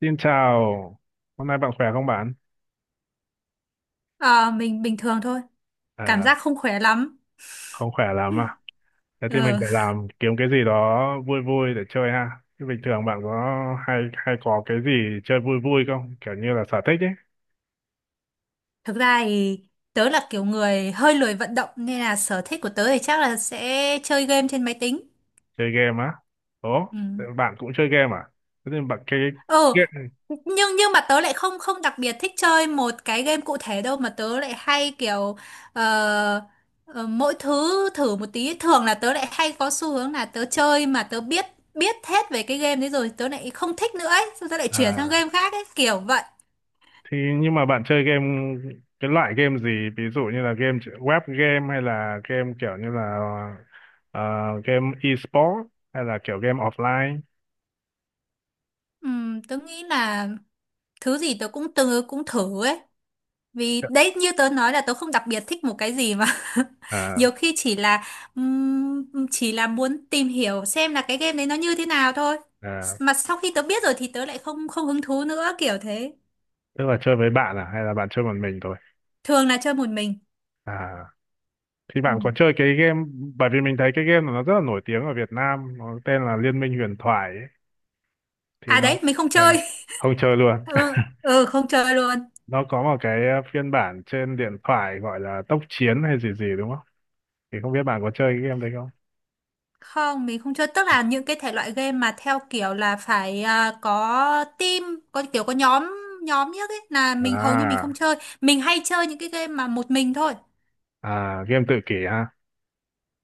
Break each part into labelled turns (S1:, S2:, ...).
S1: Xin chào, hôm nay bạn khỏe không bạn?
S2: Ờ, mình bình thường thôi, cảm
S1: À,
S2: giác không khỏe lắm.
S1: không khỏe lắm à? Thế thì mình
S2: Ờ,
S1: phải làm kiếm cái gì đó vui vui để chơi ha. Thế bình thường bạn có hay hay có cái gì chơi vui vui không? Kiểu như là sở thích ấy,
S2: thực ra thì tớ là kiểu người hơi lười vận động, nên là sở thích của tớ thì chắc là sẽ chơi game trên máy tính.
S1: chơi game á. Ồ,
S2: Ừ.
S1: thế bạn cũng chơi game à? Thế thì bạn cái
S2: Ừ.
S1: game.
S2: Nhưng mà tớ lại không không đặc biệt thích chơi một cái game cụ thể đâu, mà tớ lại hay kiểu ờ, ờ, mỗi thứ thử một tí. Thường là tớ lại hay có xu hướng là tớ chơi mà tớ biết biết hết về cái game đấy rồi, tớ lại không thích nữa ấy, xong tớ lại chuyển sang
S1: À,
S2: game khác ấy, kiểu vậy.
S1: thì nhưng mà bạn chơi game cái loại game gì? Ví dụ như là game web game hay là game kiểu như là ờ, game e-sport hay là kiểu game offline?
S2: Ừ, tớ nghĩ là thứ gì tớ cũng từng cũng thử ấy, vì đấy như tớ nói là tớ không đặc biệt thích một cái gì mà.
S1: À,
S2: Nhiều khi chỉ là muốn tìm hiểu xem là cái game đấy nó như thế nào thôi,
S1: à.
S2: mà sau khi tớ biết rồi thì tớ lại không không hứng thú nữa, kiểu thế.
S1: Tức là chơi với bạn à hay là bạn chơi một mình thôi?
S2: Thường là chơi một mình.
S1: À, thì
S2: Ừ.
S1: bạn có chơi cái game, bởi vì mình thấy cái game này nó rất là nổi tiếng ở Việt Nam, nó tên là Liên minh huyền thoại ấy. Thì
S2: À
S1: nó
S2: đấy, mình không
S1: à,
S2: chơi.
S1: không chơi luôn.
S2: Ừ, ừ, không chơi luôn.
S1: Nó có một cái phiên bản trên điện thoại gọi là tốc chiến hay gì gì đúng không? Thì không biết bạn có chơi cái game đấy không?
S2: Không, mình không chơi. Tức là những cái thể loại game mà theo kiểu là phải có team, có kiểu có nhóm nhóm nhất ấy là mình hầu như mình
S1: À,
S2: không chơi. Mình hay chơi những cái game mà một mình thôi.
S1: à game tự kỷ ha.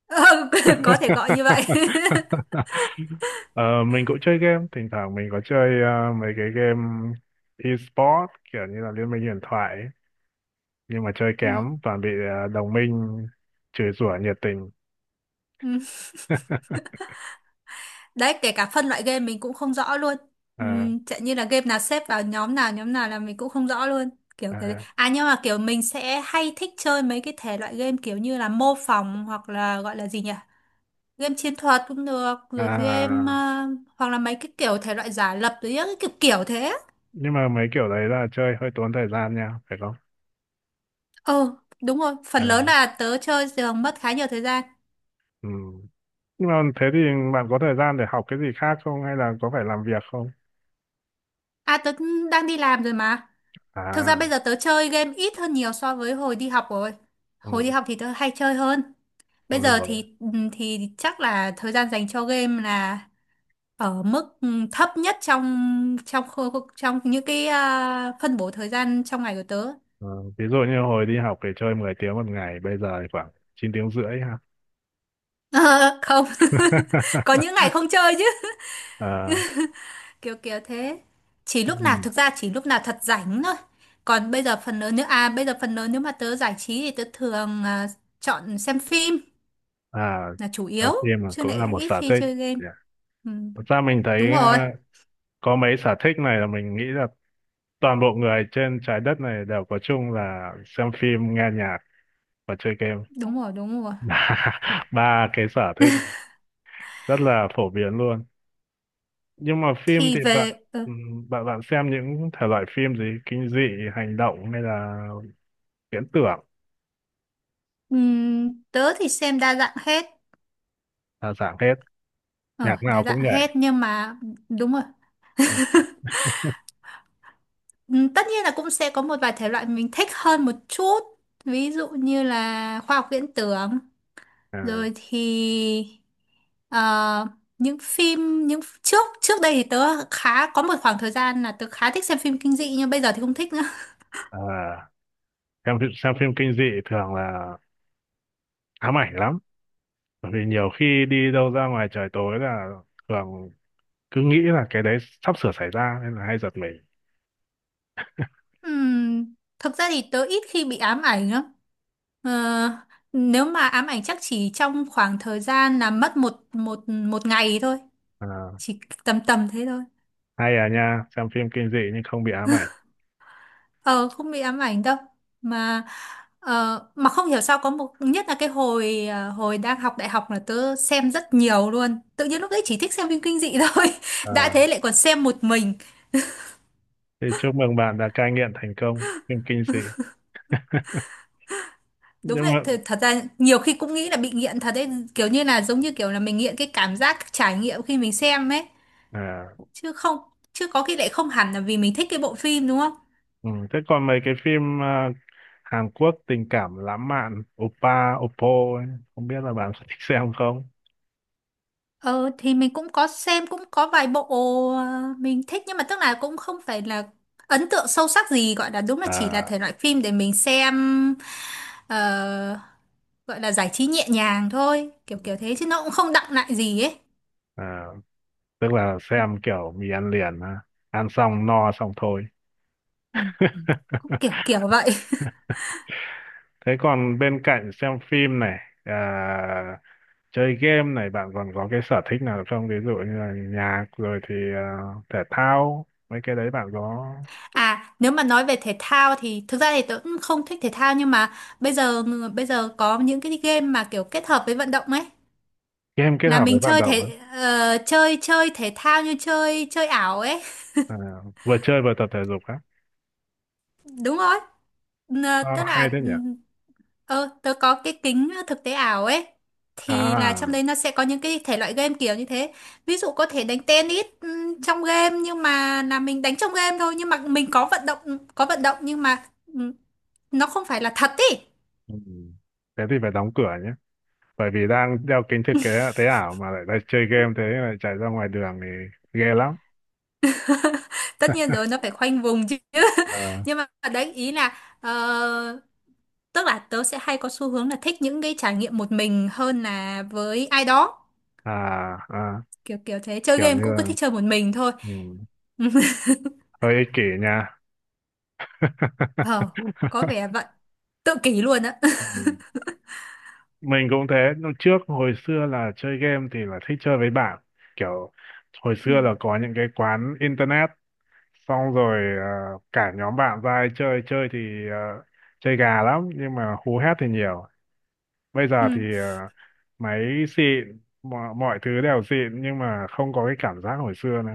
S2: Ừ, có thể gọi như vậy.
S1: Ờ, mình cũng chơi game, thỉnh thoảng mình có chơi mấy cái game e-sport kiểu như là Liên minh huyền thoại ấy. Nhưng mà chơi
S2: Ừ.
S1: kém toàn bị đồng minh chửi rủa nhiệt tình.
S2: Ừ. Đấy, kể cả phân loại game mình cũng không rõ luôn. Ừ,
S1: À,
S2: chẳng như là game nào xếp vào nhóm nào là mình cũng không rõ luôn. Kiểu cái
S1: à,
S2: À nhưng mà kiểu mình sẽ hay thích chơi mấy cái thể loại game kiểu như là mô phỏng, hoặc là gọi là gì nhỉ? Game chiến thuật cũng được, rồi game
S1: à.
S2: hoặc là mấy cái kiểu thể loại giả lập, rồi những cái kiểu kiểu thế.
S1: Nhưng mà mấy kiểu đấy là chơi hơi tốn thời gian nha phải không?
S2: Ờ, đúng rồi, phần lớn
S1: À,
S2: là tớ chơi thường mất khá nhiều thời gian.
S1: ừ. Nhưng mà thế thì bạn có thời gian để học cái gì khác không, hay là có phải làm việc không?
S2: À, tớ cũng đang đi làm rồi mà. Thực ra
S1: À,
S2: bây giờ tớ chơi game ít hơn nhiều so với hồi đi học rồi. Hồi đi
S1: ừ.
S2: học thì tớ hay chơi hơn. Bây
S1: Thôi được
S2: giờ
S1: rồi.
S2: thì thì chắc là thời gian dành cho game là ở mức thấp nhất trong trong khu- trong những cái phân bổ thời gian trong ngày của tớ.
S1: Ờ, ví dụ như hồi đi học thì chơi 10 tiếng một ngày, bây giờ thì khoảng 9 tiếng rưỡi ha.
S2: Ờ, không. Có những ngày không chơi chứ,
S1: À,
S2: kiểu kiểu thế. Chỉ lúc nào
S1: ừ.
S2: Thực ra chỉ lúc nào thật rảnh thôi. Còn bây giờ phần lớn, nếu à bây giờ phần lớn nếu mà tớ giải trí, thì tớ thường chọn xem phim
S1: À,
S2: là chủ yếu,
S1: đọc phim là
S2: chứ
S1: cũng
S2: lại
S1: là một
S2: ít
S1: sở
S2: khi
S1: thích.
S2: chơi game.
S1: Dạ.
S2: Ừ,
S1: Thật ra mình
S2: đúng
S1: thấy
S2: rồi.
S1: có mấy sở thích này là mình nghĩ là toàn bộ người trên trái đất này đều có chung, là xem phim, nghe nhạc và chơi game.
S2: Đúng rồi. Đúng rồi.
S1: Ba ba cái sở thích rất là phổ biến luôn. Nhưng mà phim
S2: Thì
S1: thì bạn
S2: về
S1: bạn bạn xem những thể loại phim gì, kinh dị, hành động hay là viễn tưởng?
S2: tớ thì xem đa dạng hết.
S1: Là dạng hết,
S2: Ờ
S1: nhạc
S2: Đa
S1: nào
S2: dạng
S1: cũng nhảy.
S2: hết nhưng mà đúng rồi.
S1: Ừ.
S2: Ừ, tất nhiên là cũng sẽ có một vài thể loại mình thích hơn một chút, ví dụ như là khoa học viễn tưởng,
S1: À,
S2: rồi thì ờ, những phim những trước trước đây thì tớ khá có một khoảng thời gian là tớ khá thích xem phim kinh dị, nhưng bây giờ thì không thích nữa.
S1: à, xem phim kinh dị thường là ám ảnh lắm. Bởi vì nhiều khi đi đâu ra ngoài trời tối là thường cứ nghĩ là cái đấy sắp sửa xảy ra nên là hay giật mình.
S2: Ừm, thực ra thì tớ ít khi bị ám ảnh lắm. Ờ, nếu mà ám ảnh chắc chỉ trong khoảng thời gian là mất một một một ngày thôi,
S1: À,
S2: chỉ tầm tầm thế thôi.
S1: hay à nha, xem phim kinh dị nhưng không bị ám ảnh.
S2: Ờ, không bị ám ảnh đâu, mà mà không hiểu sao, có nhất là cái hồi hồi đang học đại học là tớ xem rất nhiều luôn, tự nhiên lúc đấy chỉ thích xem phim kinh dị thôi. Đã
S1: À,
S2: thế lại còn xem một mình.
S1: thì chúc mừng bạn đã cai nghiện thành công phim kinh dị.
S2: Đúng
S1: Nhưng
S2: vậy,
S1: mà
S2: thật ra nhiều khi cũng nghĩ là bị nghiện thật đấy, kiểu như là giống như kiểu là mình nghiện cái cảm giác trải nghiệm khi mình xem ấy,
S1: à,
S2: chứ không chứ có khi lại không hẳn là vì mình thích cái bộ phim, đúng không.
S1: ừ, thế còn mấy cái phim Hàn Quốc tình cảm lãng mạn Oppa Oppo ấy, không biết là bạn có thích xem không?
S2: Ờ thì mình cũng có xem, cũng có vài bộ ờ, mình thích, nhưng mà tức là cũng không phải là ấn tượng sâu sắc gì gọi là, đúng là chỉ là
S1: À,
S2: thể loại phim để mình xem ờ, gọi là giải trí nhẹ nhàng thôi, kiểu kiểu thế, chứ nó cũng không đọng lại gì ấy.
S1: à, tức là xem kiểu mì ăn liền á. Ăn xong no xong thôi.
S2: Ừ, cũng kiểu kiểu vậy.
S1: Thế còn bên cạnh xem phim này, à, chơi game này, bạn còn có cái sở thích nào không? Ví dụ như là nhạc, rồi thì thể thao, mấy cái đấy bạn có?
S2: À, nếu mà nói về thể thao thì thực ra thì tớ cũng không thích thể thao, nhưng mà bây giờ, bây giờ có những cái game mà kiểu kết hợp với vận động ấy,
S1: Game kết
S2: là
S1: hợp
S2: mình
S1: với vận
S2: chơi
S1: động á?
S2: chơi chơi thể thao, như chơi chơi ảo ấy.
S1: À, vừa chơi vừa tập thể dục á?
S2: Đúng rồi.
S1: Sao
S2: Tức
S1: hay
S2: là
S1: thế nhỉ?
S2: tớ có cái kính thực tế ảo ấy, thì là trong
S1: À,
S2: đấy nó sẽ có những cái thể loại game kiểu như thế. Ví dụ có thể đánh tennis trong game, nhưng mà là mình đánh trong game thôi, nhưng mà mình có vận động, có vận động, nhưng mà ừm, nó không phải là thật ý.
S1: ừ. Thế thì phải đóng cửa nhé. Bởi vì đang đeo kính thực tế tế ảo mà lại đang chơi game, thế lại chạy ra ngoài đường thì ghê lắm.
S2: Tất nhiên rồi, nó phải khoanh vùng chứ.
S1: Ờ,
S2: Nhưng mà đấy, ý là tức là tớ sẽ hay có xu hướng là thích những cái trải nghiệm một mình hơn là với ai đó,
S1: à, à,
S2: kiểu kiểu thế. Chơi
S1: kiểu như
S2: game cũng cứ
S1: là
S2: thích chơi một mình thôi.
S1: ừ, hơi ích kỷ nha.
S2: Ờ, có vẻ vậy. Tự kỷ luôn á.
S1: Ừ. Mình cũng thế, lúc trước hồi xưa là chơi game thì là thích chơi với bạn. Kiểu hồi
S2: Ừ.
S1: xưa là có những cái quán internet, xong rồi cả nhóm bạn ra ai chơi, chơi thì chơi gà lắm, nhưng mà hú hét thì nhiều. Bây
S2: Ừ.
S1: giờ thì máy xịn, mọi thứ đều xịn, nhưng mà không có cái cảm giác hồi xưa nữa.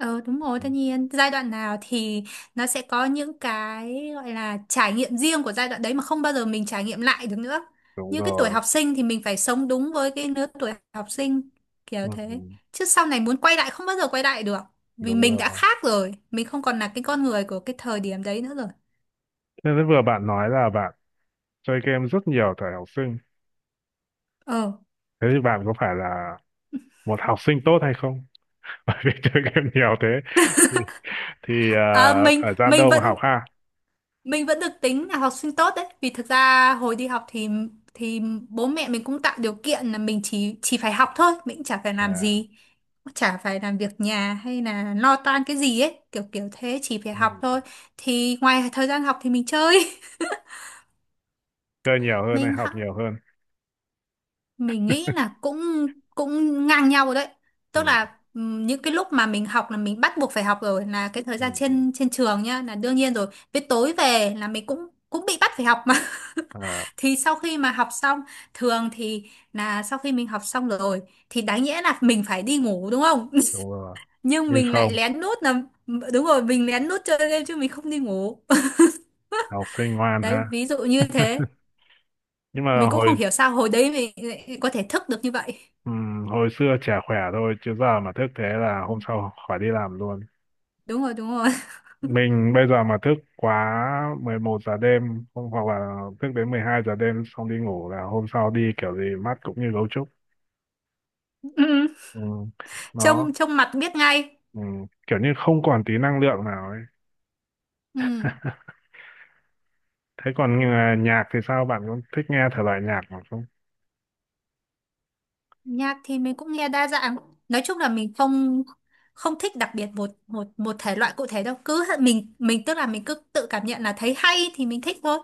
S2: Ờ đúng rồi,
S1: Ừ,
S2: tất nhiên. Giai đoạn nào thì nó sẽ có những cái gọi là trải nghiệm riêng của giai đoạn đấy, mà không bao giờ mình trải nghiệm lại được nữa.
S1: đúng
S2: Như cái tuổi
S1: rồi,
S2: học sinh thì mình phải sống đúng với cái lứa tuổi học sinh,
S1: ừ,
S2: kiểu
S1: ừ,
S2: thế. Chứ sau này muốn quay lại không bao giờ quay lại được. Vì
S1: đúng
S2: mình đã
S1: rồi.
S2: khác rồi, mình không còn là cái con người của cái thời điểm đấy nữa rồi.
S1: Thế vừa bạn nói là bạn chơi game rất nhiều thời học sinh,
S2: Ờ.
S1: thế thì bạn có phải là một học sinh tốt hay không? Bởi vì chơi game nhiều thế thì,
S2: À,
S1: thời gian đâu mà học ha?
S2: mình vẫn được tính là học sinh tốt đấy, vì thực ra hồi đi học thì bố mẹ mình cũng tạo điều kiện là mình chỉ phải học thôi, mình cũng chả phải làm
S1: À,
S2: gì, cũng chả phải làm việc nhà hay là lo toan cái gì ấy, kiểu kiểu thế, chỉ phải
S1: ừ.
S2: học thôi. Thì ngoài thời gian học thì mình chơi.
S1: Chơi nhiều hơn hay
S2: mình
S1: học nhiều hơn?
S2: mình nghĩ là cũng cũng ngang nhau rồi đấy. Tức
S1: Ừ.
S2: là những cái lúc mà mình học là mình bắt buộc phải học rồi, là cái thời
S1: Ừ.
S2: gian
S1: Ừ.
S2: trên trên trường nhá là đương nhiên rồi, với tối về là mình cũng cũng bị bắt phải học mà.
S1: À,
S2: Thì sau khi mà học xong, thường thì là sau khi mình học xong rồi thì đáng nhẽ là mình phải đi ngủ, đúng không.
S1: đúng rồi.
S2: Nhưng
S1: Nhưng
S2: mình lại
S1: không,
S2: lén nút là đúng rồi, mình lén nút chơi game chứ mình không đi ngủ.
S1: học sinh ngoan ha.
S2: Đấy, ví dụ như thế.
S1: Nhưng mà
S2: Mình cũng không
S1: hồi
S2: hiểu sao hồi đấy mình lại có thể thức được như vậy.
S1: hồi xưa chả khỏe thôi, chứ giờ mà thức thế là hôm sau khỏi đi làm luôn.
S2: Đúng rồi. Đúng rồi.
S1: Mình bây giờ mà thức quá 11 giờ đêm không, hoặc là thức đến 12 giờ đêm xong đi ngủ là hôm sau đi kiểu gì mắt cũng như gấu trúc. Ừ. Nó.
S2: trông trông mặt biết ngay.
S1: Ừ, kiểu như không còn tí năng lượng nào ấy.
S2: Ừ.
S1: Thế còn nhạc thì sao? Bạn có thích nghe thể loại nhạc nào không?
S2: Nhạc thì mình cũng nghe đa dạng, nói chung là mình không không thích đặc biệt một một một thể loại cụ thể đâu, cứ mình tức là mình cứ tự cảm nhận, là thấy hay thì mình thích thôi.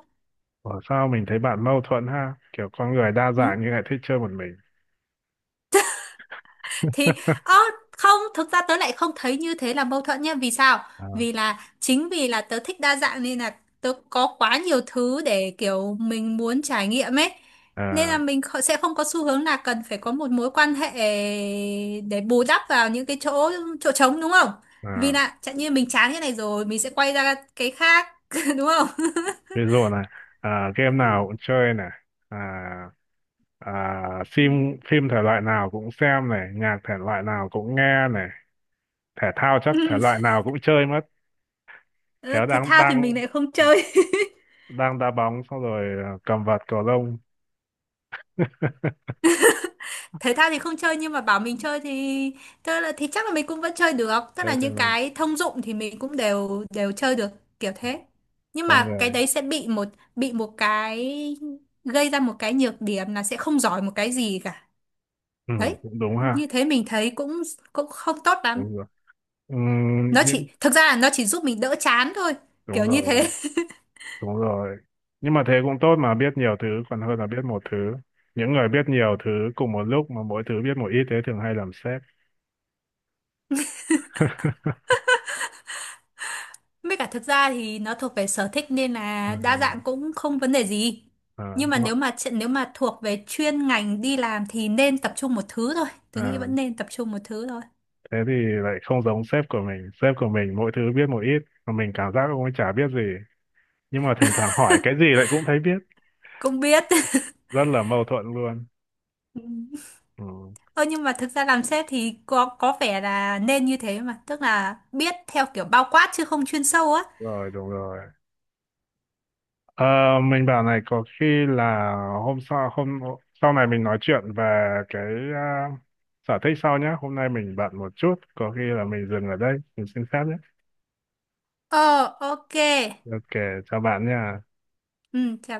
S1: Ở sao mình thấy bạn mâu thuẫn ha? Kiểu con người đa
S2: Ừ.
S1: dạng nhưng lại thích chơi một mình.
S2: Thì ơ, không, thực ra tớ lại không thấy như thế là mâu thuẫn nhá, vì sao,
S1: À,
S2: vì là chính vì là tớ thích đa dạng nên là tớ có quá nhiều thứ để kiểu mình muốn trải nghiệm ấy, nên là
S1: à,
S2: mình sẽ không có xu hướng là cần phải có một mối quan hệ để bù đắp vào những cái chỗ chỗ trống, đúng không. Vì
S1: à,
S2: là chẳng như mình chán cái này rồi mình sẽ quay ra cái khác, đúng không.
S1: ví dụ này, game nào cũng chơi này, à, phim phim thể loại nào cũng xem này, nhạc thể loại nào cũng nghe này, thể thao chắc thể loại nào cũng chơi mất.
S2: Ừ,
S1: Khéo
S2: thể
S1: đang
S2: thao thì
S1: đang
S2: mình lại không chơi.
S1: đang đá bóng xong rồi cầm vợt cầu lông.
S2: Thể thao thì không chơi, nhưng mà bảo mình chơi thì, tức là thì chắc là mình cũng vẫn chơi được, tức
S1: Thế
S2: là
S1: thì
S2: những
S1: mình
S2: cái thông dụng thì mình cũng đều đều chơi được, kiểu thế. Nhưng
S1: con
S2: mà cái
S1: người.
S2: đấy sẽ bị một cái, gây ra một cái nhược điểm là sẽ không giỏi một cái gì cả.
S1: Ừ,
S2: Đấy,
S1: cũng đúng ha.
S2: như thế mình thấy cũng cũng không tốt lắm.
S1: Đúng rồi, ừ,
S2: Nó
S1: nhưng
S2: chỉ Thực ra là nó chỉ giúp mình đỡ chán thôi, kiểu
S1: đúng
S2: như
S1: rồi,
S2: thế.
S1: đúng rồi, nhưng mà thế cũng tốt mà, biết nhiều thứ còn hơn là biết một thứ. Những người biết nhiều thứ cùng một lúc mà mỗi thứ biết một ít thế thường hay làm sếp.
S2: Với cả thực ra thì nó thuộc về sở thích, nên
S1: À,
S2: là đa dạng cũng không vấn đề gì.
S1: à,
S2: Nhưng mà
S1: đúng ạ.
S2: nếu mà nếu mà thuộc về chuyên ngành đi làm thì nên tập trung một thứ thôi. Tớ nghĩ
S1: À,
S2: vẫn nên tập trung một thứ thôi.
S1: thế thì lại không giống sếp của mình. Sếp của mình mỗi thứ biết một ít mà mình cảm giác cũng chả biết gì, nhưng mà thỉnh thoảng hỏi cái gì lại cũng thấy biết,
S2: Cũng biết.
S1: rất là mâu thuẫn luôn.
S2: Ừ.
S1: Ừ,
S2: Ơ nhưng mà thực ra làm sếp thì có vẻ là nên như thế mà, tức là biết theo kiểu bao quát chứ không chuyên sâu á.
S1: rồi đúng rồi. Ờ, mình bảo này, có khi là hôm sau này mình nói chuyện về cái à, sở thích sau nhé. Hôm nay mình bận một chút, có khi là mình dừng ở đây, mình xin phép nhé.
S2: Ờ, ok.
S1: Ok, chào bạn nha.
S2: Ừ, chào.